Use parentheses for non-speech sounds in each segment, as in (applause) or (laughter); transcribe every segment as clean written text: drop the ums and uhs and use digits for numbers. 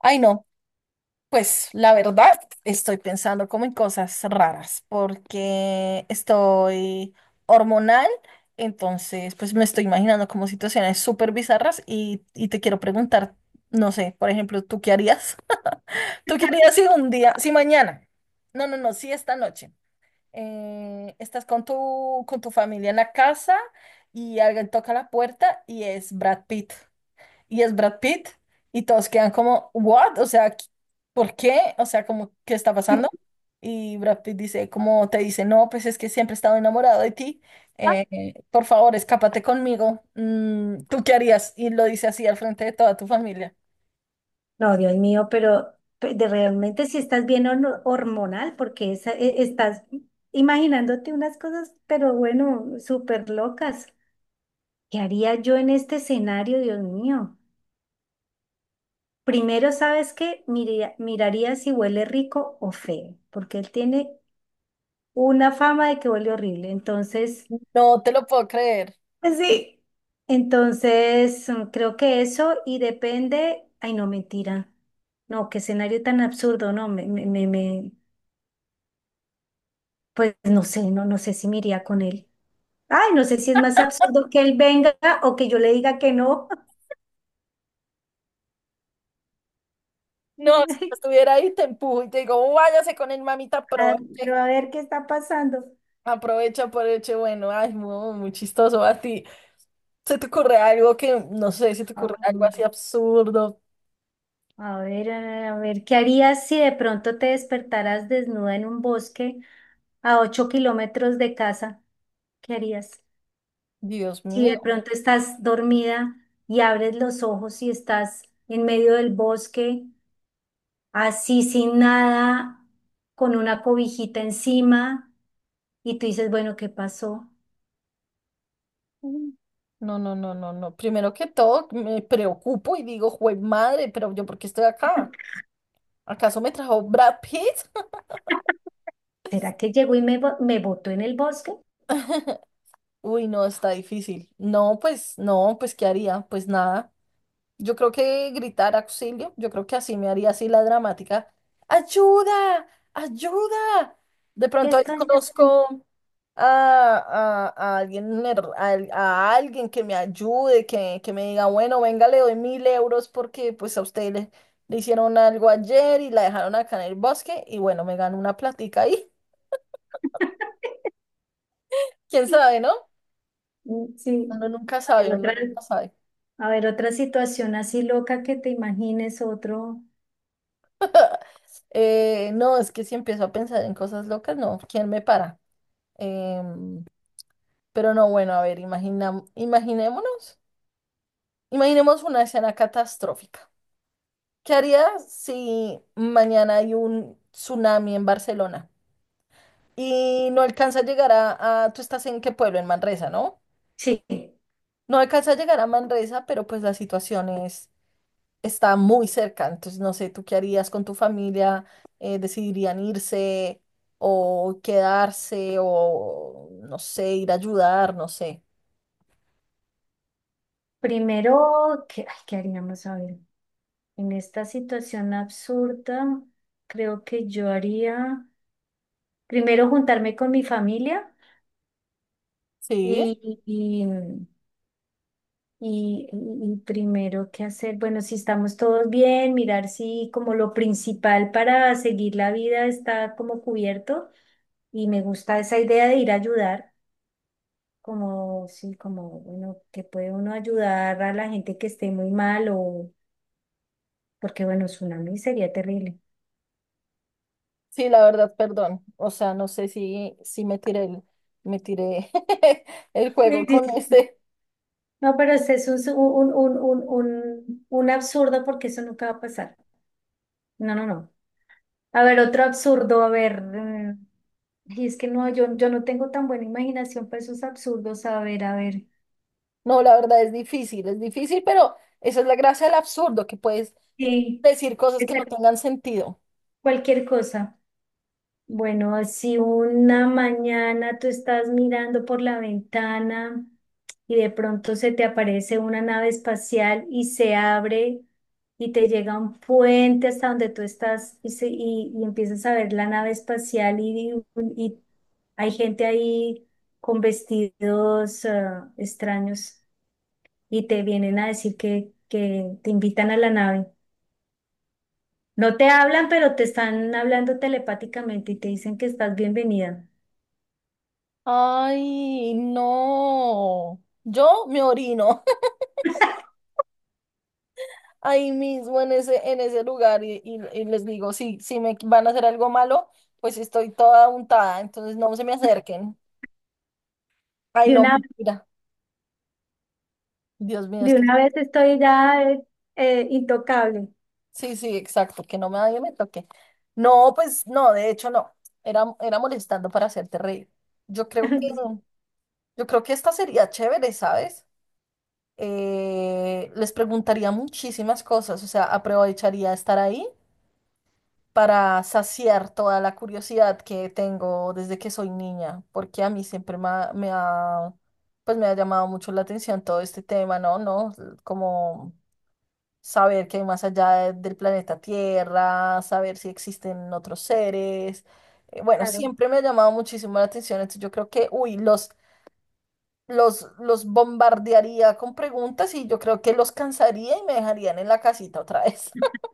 Ay, no, pues la verdad estoy pensando como en cosas raras porque estoy hormonal. Entonces pues me estoy imaginando como situaciones súper bizarras, y te quiero preguntar, no sé, por ejemplo, ¿tú qué harías? (laughs) ¿Tú qué harías si un día, si mañana, no, no, no, si esta noche, estás con tu familia en la casa y alguien toca la puerta y es Brad Pitt? y es Brad Pitt y todos quedan como, ¿what? O sea, ¿por qué? O sea, como, ¿qué está pasando? Y Brad Pitt dice, como te dice, no, pues es que siempre he estado enamorado de ti, eh, por favor, escápate conmigo. ¿Tú qué harías? Y lo dice así al frente de toda tu familia. No, Dios mío, pero pe- de realmente si estás bien hormonal, porque estás imaginándote unas cosas, pero bueno, súper locas. ¿Qué haría yo en este escenario, Dios mío? Primero, ¿sabes qué? Miraría si huele rico o feo, porque él tiene una fama de que huele horrible. Entonces, No te lo puedo creer. pues sí, entonces creo que eso y depende, ay, no, mentira. No, qué escenario tan absurdo, no, pues no sé, no, no sé si me iría con él. Ay, no sé si es más absurdo que él venga o que yo le diga que no. No, si yo (laughs) estuviera ahí, te empujo y te digo, váyase con el mamita, Ah, aproveche, pero a ver qué está pasando. aprovecha, por hecho bueno. Ay, muy, muy chistoso a ti. ¿Se te ocurre algo que, no sé, se te Ah, ocurre algo mm, así absurdo? A ver, ¿qué harías si de pronto te despertaras desnuda en un bosque a 8 kilómetros de casa? ¿Qué harías? Dios Si mío. de pronto estás dormida y abres los ojos y estás en medio del bosque, así sin nada, con una cobijita encima. Y tú dices, bueno, ¿qué pasó? Mm. No, no, no, no, no. Primero que todo, me preocupo y digo, jue madre, pero yo, ¿por qué estoy acá? ¿Acaso me trajo Brad Pitt? (laughs) ¿Será que llegó y me botó en el bosque? Uy, no, está difícil. No, pues, no, pues, ¿qué haría? Pues nada. Yo creo que gritar auxilio, yo creo que así me haría así la dramática. ¡Ayuda! ¡Ayuda! De ¿Qué pronto ahí estás haciendo? conozco a alguien, alguien que me ayude, que me diga, bueno, venga, le doy 1.000 € porque pues a usted le hicieron algo ayer y la dejaron acá en el bosque. Y bueno, me gano una platica ahí. (laughs) (laughs) ¿Quién sabe, no? Mm, sí, Uno nunca a sabe, ver uno otra, nunca sabe. a ver otra situación así loca que te imagines otro. No, es que si empiezo a pensar en cosas locas, no, ¿quién me para? Em, pero no, bueno, a ver, imaginemos una escena catastrófica. ¿Qué harías si mañana hay un tsunami en Barcelona y no alcanza a llegar tú estás en qué pueblo, en Manresa, ¿no? Sí, No alcanza a llegar a Manresa, pero pues la situación es, está muy cerca. Entonces, no sé, ¿tú qué harías con tu familia? ¿Decidirían irse o quedarse o, no sé, ir a ayudar? No sé. primero, ¿qué, ay, qué haríamos a ver? En esta situación absurda, creo que yo haría primero juntarme con mi familia Sí, y, y- y, y primero, ¿qué hacer? Bueno, si estamos todos bien, mirar si como lo principal para seguir la vida está como cubierto. Y me gusta esa idea de ir a ayudar, como, sí, como, bueno, que puede uno ayudar a la gente que esté muy mal o, porque bueno, tsunami sería terrible. sí, la verdad, perdón. O sea, no sé si me tiré (laughs) el juego con (laughs) este. No, pero ese es un absurdo porque eso nunca va a pasar. No, no, no. A ver, otro absurdo, a ver. Y es que no, yo no tengo tan buena imaginación para esos absurdos. A ver, a ver. No, la verdad es difícil, pero esa es la gracia del absurdo, que puedes Sí, decir cosas puede que no ser tengan sentido. cualquier cosa. Bueno, si una mañana tú estás mirando por la ventana y de pronto se te aparece una nave espacial y se abre y te llega un puente hasta donde tú estás y empiezas a ver la nave espacial y hay gente ahí con vestidos extraños. Y te vienen a decir que te invitan a la nave. No te hablan, pero te están hablando telepáticamente y te dicen que estás bienvenida. Ay, no. Yo me orino (laughs) ahí mismo en ese lugar y les digo, si me van a hacer algo malo, pues estoy toda untada, entonces no se me acerquen. Ay, De no, una, mentira. Dios mío, es de que una vez estoy ya intocable. sí, sí, exacto, que no me nadie me toque. No, pues no, de hecho no. Era, era molestando para hacerte reír. Yo creo que (laughs) yo creo que esta sería chévere, ¿sabes? Les preguntaría muchísimas cosas, o sea, aprovecharía estar ahí para saciar toda la curiosidad que tengo desde que soy niña, porque a mí siempre pues me ha llamado mucho la atención todo este tema, ¿no? ¿No? Como saber qué hay más allá del planeta Tierra, saber si existen otros seres. Bueno, Claro. siempre me ha llamado muchísimo la atención, entonces yo creo que, uy, los bombardearía con preguntas y yo creo que los cansaría y me dejarían en la casita otra vez. (laughs)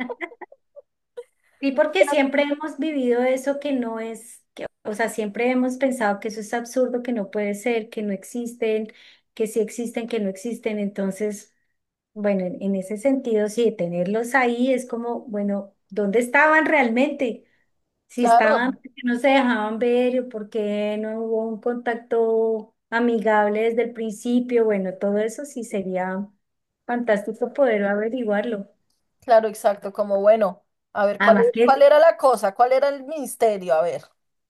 Sí, porque siempre hemos vivido eso que no es, que, o sea, siempre hemos pensado que eso es absurdo, que no puede ser, que no existen, que sí existen, que no existen. Entonces, bueno, en ese sentido, sí, tenerlos ahí es como, bueno, ¿dónde estaban realmente? Si Claro, estaban, porque no se dejaban ver, o porque no hubo un contacto amigable desde el principio, bueno, todo eso sí sería fantástico poder averiguarlo. claro, exacto, como bueno, a ver, Además que, ¿cuál era la cosa? ¿Cuál era el misterio? A ver,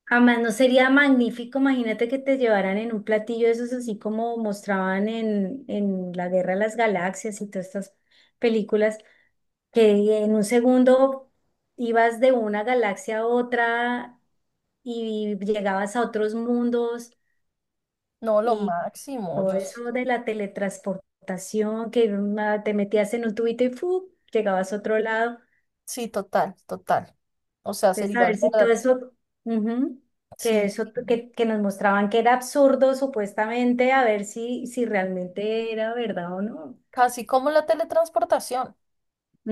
además no sería magnífico, imagínate que te llevaran en un platillo de esos así como mostraban en La Guerra de las Galaxias y todas estas películas, que en un segundo ibas de una galaxia a otra y llegabas a otros mundos. no, lo Y máximo. todo eso de la teletransportación, que te metías en un tubito y ¡fu! Llegabas a otro lado. Sí, total, total. O sea, Entonces, a sería la ver si todo verdad, eso, ujú, que sí, eso que nos mostraban que era absurdo supuestamente, a ver si, si realmente era verdad o no. casi como la teletransportación,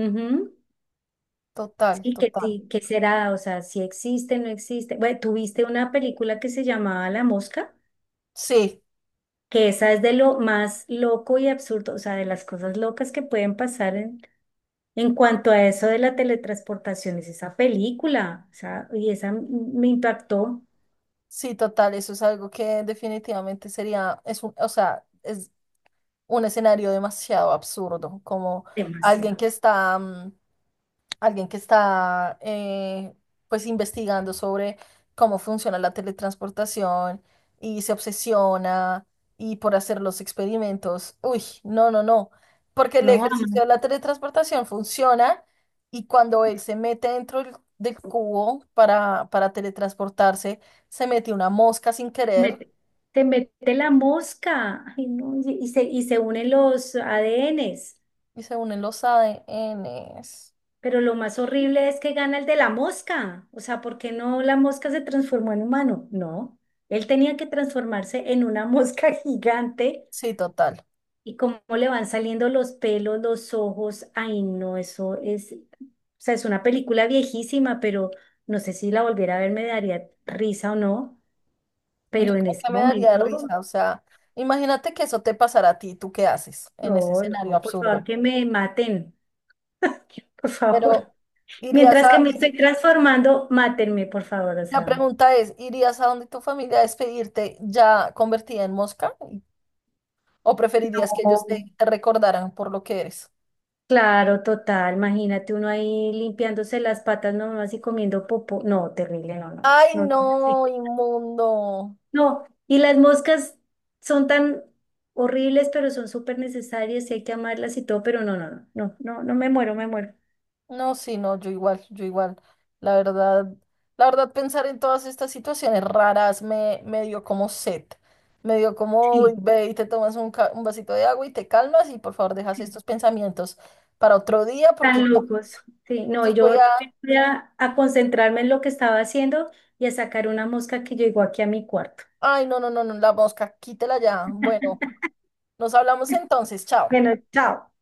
Ujú. total, total. Sí, que será, o sea, si existe, no existe. Bueno, tuviste una película que se llamaba La Mosca, Sí, que esa es de lo más loco y absurdo, o sea, de las cosas locas que pueden pasar. En cuanto a eso de la teletransportación, es esa película, o sea, me impactó sí, total, eso es algo que definitivamente sería, es un, o sea, es un escenario demasiado absurdo, como alguien que demasiado, está, mm, alguien que está pues investigando sobre cómo funciona la teletransportación y se obsesiona y por hacer los experimentos. Uy, no, no, no, porque el ¿no? ejercicio de la teletransportación funciona y cuando él se mete dentro del cubo para teletransportarse, se mete una mosca sin querer mete- Te mete la mosca, ay, no, y, y se unen los ADNs, y se unen los ADNs. pero lo más horrible es que gana el de la mosca, o sea, ¿por qué no la mosca se transformó en humano? No, él tenía que transformarse en una mosca (laughs) gigante. Sí, total. Y cómo le van saliendo los pelos, los ojos. Ay, no, eso es, o sea, es una película viejísima, pero no sé si la volviera a ver me daría risa o no. Yo Pero en creo ese que me daría momento, risa, o sea, imagínate que eso te pasara a ti, ¿tú qué haces en ese no, escenario no, por favor, absurdo? que me maten, (laughs) por favor. Pero irías Mientras a, que me estoy iri- transformando, mátenme, por favor, o la sea. pregunta es, ¿irías a donde tu familia a despedirte ya convertida en mosca? ¿O preferirías que ellos Ojo. te recordaran por lo que eres? Claro, total, imagínate uno ahí limpiándose las patas nomás y comiendo popó. No, terrible, no, no, Ay, no. no, (laughs) inmundo. No, y las moscas son tan horribles, pero son súper necesarias y hay que amarlas y todo, pero no, no, no, no, no, no me muero, me muero. No, sí, no, yo igual, yo igual. La verdad, la verdad, pensar en todas estas situaciones raras me dio como sed. Me dio como, "Uy, Sí, ve y te tomas un vasito de agua y te calmas y por favor dejas sí, estos pensamientos para otro día porque tan ya, locos. Sí, no, y entonces voy yo a...". también voy a concentrarme en lo que estaba haciendo y a sacar una mosca que llegó aquí a mi cuarto. Ay, no, no, no, no, la mosca, quítela ya. Bueno, nos hablamos (laughs) entonces, chao. Bueno, chao.